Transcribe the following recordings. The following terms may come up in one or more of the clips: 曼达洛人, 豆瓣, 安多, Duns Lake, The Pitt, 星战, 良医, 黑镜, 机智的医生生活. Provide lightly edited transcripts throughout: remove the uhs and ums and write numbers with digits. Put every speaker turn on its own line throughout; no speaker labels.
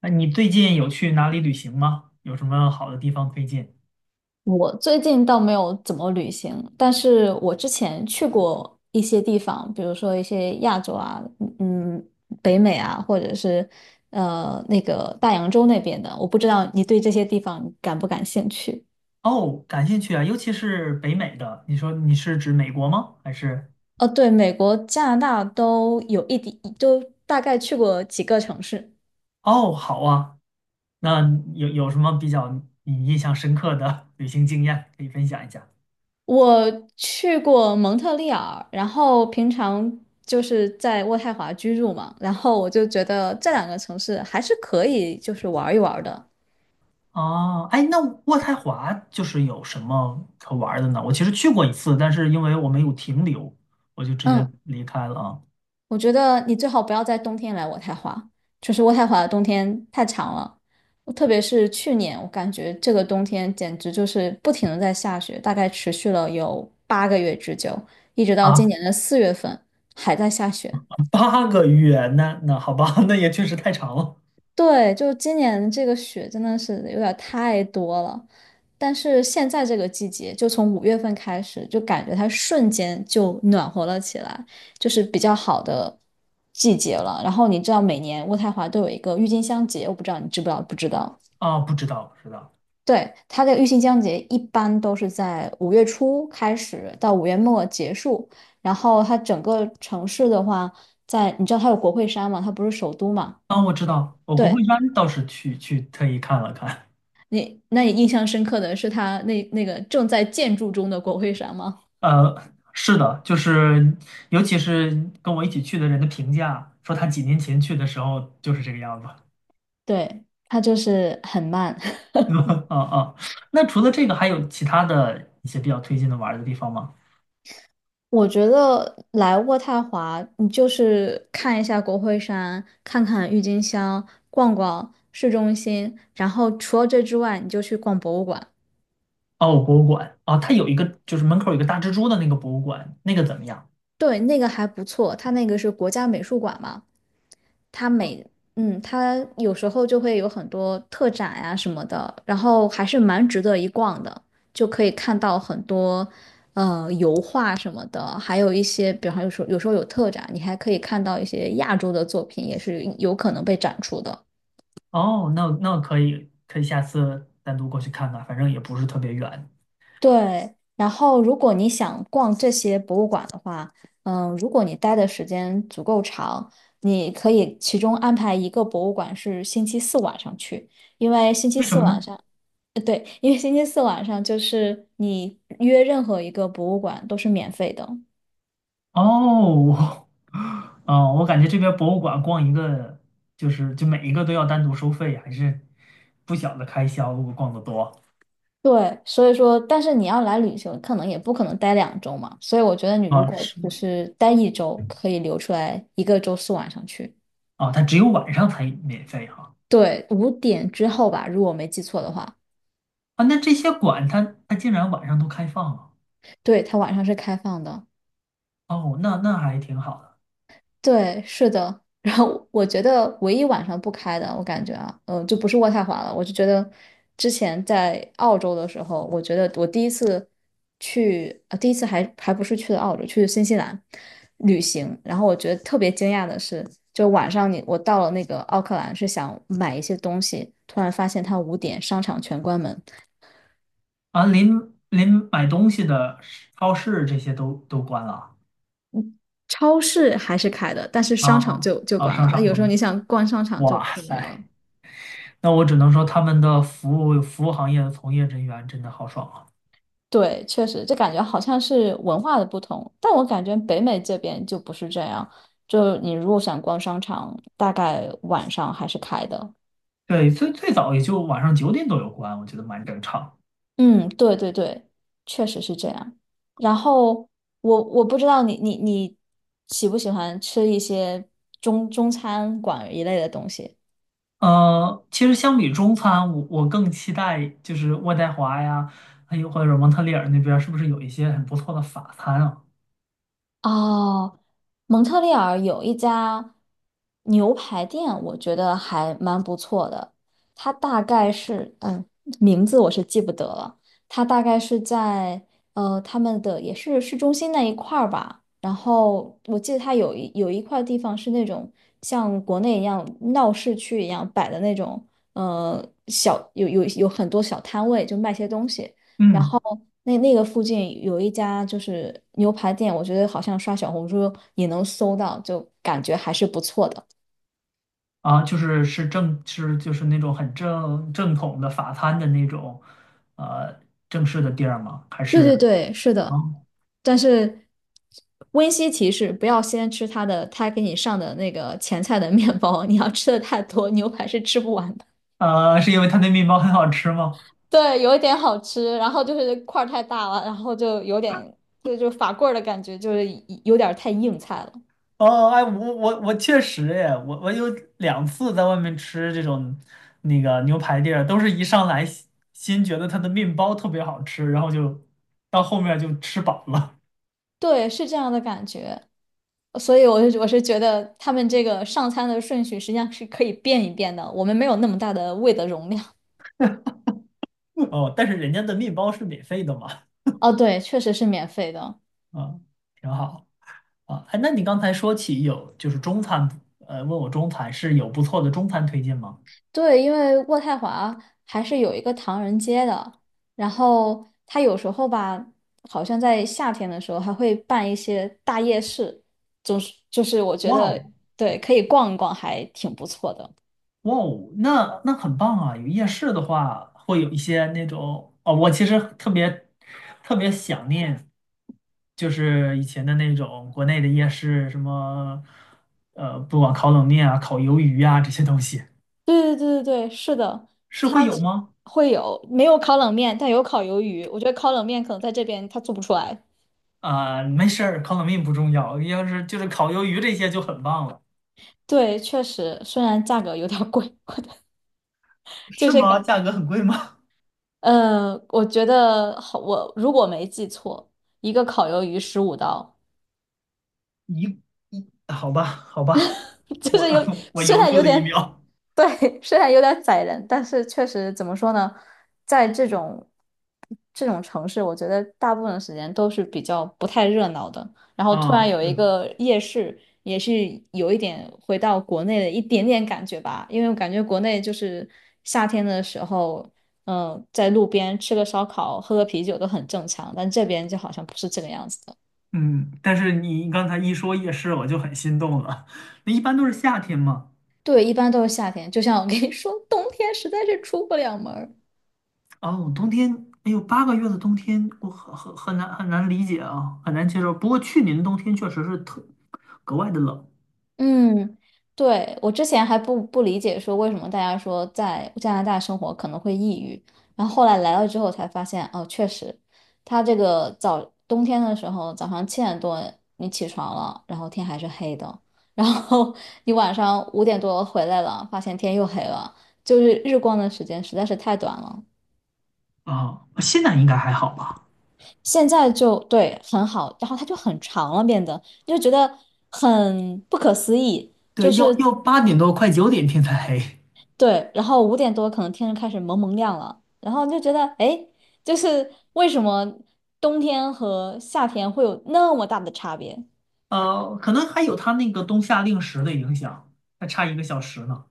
那你最近有去哪里旅行吗？有什么好的地方推荐？
我最近倒没有怎么旅行，但是我之前去过一些地方，比如说一些亚洲啊，嗯，北美啊，或者是那个大洋洲那边的，我不知道你对这些地方感不感兴趣？
哦，感兴趣啊，尤其是北美的。你说你是指美国吗？还是？
哦，对，美国、加拿大都有一点，都大概去过几个城市。
哦，好啊。那有什么比较你印象深刻的 旅行经验可以分享一下？
我去过蒙特利尔，然后平常就是在渥太华居住嘛，然后我就觉得这两个城市还是可以，就是玩一玩的。
哦，哎，那渥太华就是有什么可玩儿的呢？我其实去过一次，但是因为我没有停留，我就直接
嗯，
离开了啊。
我觉得你最好不要在冬天来渥太华，就是渥太华的冬天太长了，我特别是去年，我感觉这个冬天简直就是不停的在下雪，大概持续了有8个月之久，一直到今
啊，
年的4月份还在下雪。
八个月，那好吧，那也确实太长了
对，就今年这个雪真的是有点儿太多了，但是现在这个季节，就从5月份开始，就感觉它瞬间就暖和了起来，就是比较好的季节了。然后你知道，每年渥太华都有一个郁金香节，我不知道你知不知道？不知道。
啊，不知道不知道。
对，它的郁金香节一般都是在5月初开始到5月末结束，然后它整个城市的话，在你知道它有国会山嘛，它不是首都嘛。
啊，我知道，我国会
对，
山倒是去特意看了看，
那你印象深刻的是他那个正在建筑中的国会山吗？
呃，是的，就是尤其是跟我一起去的人的评价，说他几年前去的时候就是这个样子。
对，他就是很慢。
啊啊，那除了这个，还有其他的一些比较推荐的玩儿的地方吗？
我觉得来渥太华，你就是看一下国会山，看看郁金香，逛逛市中心，然后除了这之外，你就去逛博物馆。
哦，博物馆，哦，它有一个就是门口有一个大蜘蛛的那个博物馆，那个怎么样？
对，那个还不错，它那个是国家美术馆嘛。它每嗯，它有时候就会有很多特展呀、什么的，然后还是蛮值得一逛的，就可以看到很多油画什么的，还有一些，比方有时候有特展，你还可以看到一些亚洲的作品，也是有可能被展出的。
哦，那可以下次单独过去看看，反正也不是特别远。
对，然后如果你想逛这些博物馆的话，如果你待的时间足够长，你可以其中安排一个博物馆是星期四晚上去。因为星期
为什
四
么
晚
呢？
上，对，因为星期四晚上就是你约任何一个博物馆都是免费的。
哦，哦，我感觉这边博物馆逛一个，就是就每一个都要单独收费，还是不小的开销。如果逛得多
对，所以说，但是你要来旅行，可能也不可能待2周嘛。所以我觉得你如
啊，
果
是
只是待1周，可以留出来一个周四晚上去。
啊，它只有晚上才免费哈
对，五点之后吧，如果我没记错的话，
啊。那这些馆它竟然晚上都开放了
对，它晚上是开放的。
哦，那还挺好的
对，是的。然后我觉得唯一晚上不开的，我感觉啊，就不是渥太华了。我就觉得之前在澳洲的时候，我觉得我第一次去，啊，第一次还不是去的澳洲，去新西兰旅行。然后我觉得特别惊讶的是，就晚上我到了那个奥克兰，是想买一些东西，突然发现它五点商场全关门，
啊。临临买东西的超市这些都关了
超市还是开的，但是
啊
商场
啊
就
啊，
关
商
了。那
场
有
关
时候
了。
你想逛商场就
哇
就没有了。
塞，那我只能说他们的服务行业的从业人员真的好爽啊。
对，确实，这感觉好像是文化的不同，但我感觉北美这边就不是这样。就你如果想逛商场，大概晚上还是开的。
对，最最早也就晚上九点多有关，我觉得蛮正常。
嗯，对对对，确实是这样。然后我不知道你喜不喜欢吃一些中餐馆一类的东西。
其实相比中餐，我更期待就是渥太华呀，还有或者蒙特利尔那边儿是不是有一些很不错的法餐啊？
哦，蒙特利尔有一家牛排店，我觉得还蛮不错的。它大概是，名字我是记不得了。它大概是在他们的也是市中心那一块儿吧。然后我记得它有一块地方是那种像国内一样闹市区一样摆的那种，小有有有很多小摊位，就卖些东西。然
嗯。
后那个附近有一家就是牛排店，我觉得好像刷小红书也能搜到，就感觉还是不错的。
啊，就是是正是就是那种很正统的法餐的那种，呃，正式的地儿吗？还
对
是
对对，是
啊，
的。但是温馨提示，不要先吃他的，他给你上的那个前菜的面包，你要吃的太多，牛排是吃不完的。
是因为它那面包很好吃吗？
对，有一点好吃，然后就是块儿太大了，然后就有点就法棍儿的感觉，就是有点儿太硬菜了。
哦，哎，我确实哎，我有2次在外面吃这种那个牛排店儿都是一上来先觉得它的面包特别好吃，然后就到后面就吃饱了。
对，是这样的感觉。所以我是觉得他们这个上餐的顺序实际上是可以变一变的，我们没有那么大的胃的容量。
哦，但是人家的面包是免费的嘛，
哦，对，确实是免费的。
啊，挺好啊。哎，那你刚才说起有就是中餐，问我中餐是有不错的中餐推荐吗？
对，因为渥太华还是有一个唐人街的，然后他有时候吧，好像在夏天的时候还会办一些大夜市，总是就是我觉
哇
得
哦，
对，可以逛一逛，还挺不错的。
哇哦，那很棒啊！有夜市的话，会有一些那种哦，我其实特别特别想念。就是以前的那种国内的夜市，什么不管烤冷面啊、烤鱿鱼啊这些东西，
对对对对对，是的，
是会
它
有
这
吗？
会有没有烤冷面，但有烤鱿鱼。我觉得烤冷面可能在这边它做不出来。
啊、没事儿，烤冷面不重要，要是就是烤鱿鱼这些就很棒了。
对，确实，虽然价格有点儿贵，我的就
是
是
吗？
感，
价格很贵吗？
我觉得好，我如果没记错，一个烤鱿鱼15刀，
一一，好吧，好吧，
就
我
是有
我
虽
犹豫
然有
了一
点
秒。
对，虽然有点宰人，但是确实怎么说呢，在这种城市，我觉得大部分时间都是比较不太热闹的。然后突
啊、
然有
是
一
的，
个夜市，也是有一点回到国内的一点点感觉吧，因为我感觉国内就是夏天的时候。在路边吃个烧烤、喝个啤酒都很正常，但这边就好像不是这个样子。的。
嗯，但是你刚才一说夜市，我就很心动了。那一般都是夏天嘛。
对，一般都是夏天。就像我跟你说，冬天实在是出不了门儿
哦，冬天，哎呦，八个月的冬天，我很难理解啊，很难接受。不过去年的冬天确实是格外的冷
嗯，对，我之前还不理解，说为什么大家说在加拿大生活可能会抑郁，然后后来来了之后才发现，哦，确实，它这个早冬天的时候，早上7点多你起床了，然后天还是黑的，然后 你晚上5点多回来了，发现天又黑了，就是日光的时间实在是太短了。
啊，现在应该还好吧？
现在就对很好，然后它就很长了，变得你就觉得很不可思议，就
对，要
是
要8点多快九点天才黑。
对，然后五点多可能天就开始蒙蒙亮了，然后你就觉得哎，诶就是为什么冬天和夏天会有那么大的差别？
可能还有它那个冬夏令时的影响，还差1个小时呢。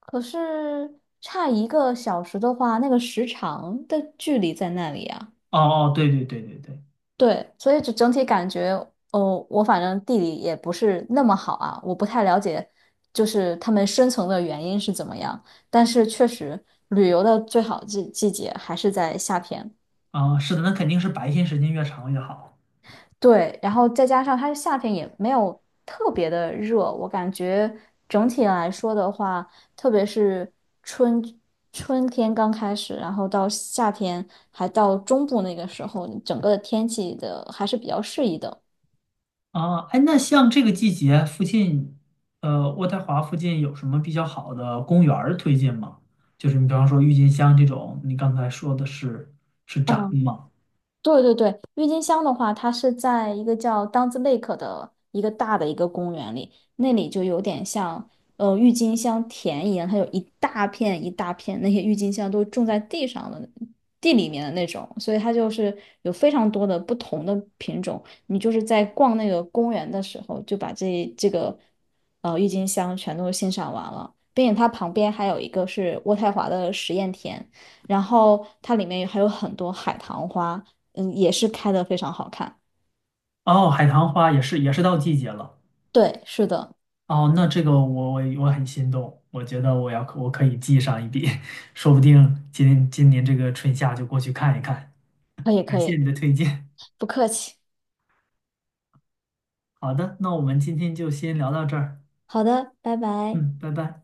可是差1个小时的话，那个时长的距离在那里啊。
哦哦，对对对对对，
对，所以就整体感觉，哦，我反正地理也不是那么好啊，我不太了解，就是他们深层的原因是怎么样。但是确实，旅游的最好季节还是在夏天。
啊，是的，那肯定是白天时间越长越好。
对，然后再加上它夏天也没有特别的热，我感觉整体来说的话，特别是春春天刚开始，然后到夏天还到中部那个时候，整个的天气的还是比较适宜的。
啊，哎，那像这个季节附近，渥太华附近有什么比较好的公园儿推荐吗？就是你比方说郁金香这种，你刚才说的是展
嗯。
吗？
对对对，郁金香的话，它是在一个叫 Duns Lake 的一个大的一个公园里，那里就有点像郁金香田一样，它有一大片一大片，那些郁金香都种在地上的地里面的那种，所以它就是有非常多的不同的品种。你就是在逛那个公园的时候，就把这个郁金香全都欣赏完了，并且它旁边还有一个是渥太华的实验田。然后它里面还有很多海棠花，也是开的非常好看。
哦，海棠花也是到季节了。
对，是的，
哦，那这个我很心动，我觉得我可以记上一笔，说不定今年这个春夏就过去看一看。
可以
感
可
谢
以，
你的推荐。
不客气。
好的，那我们今天就先聊到这儿。
好的，拜拜。
嗯，拜拜。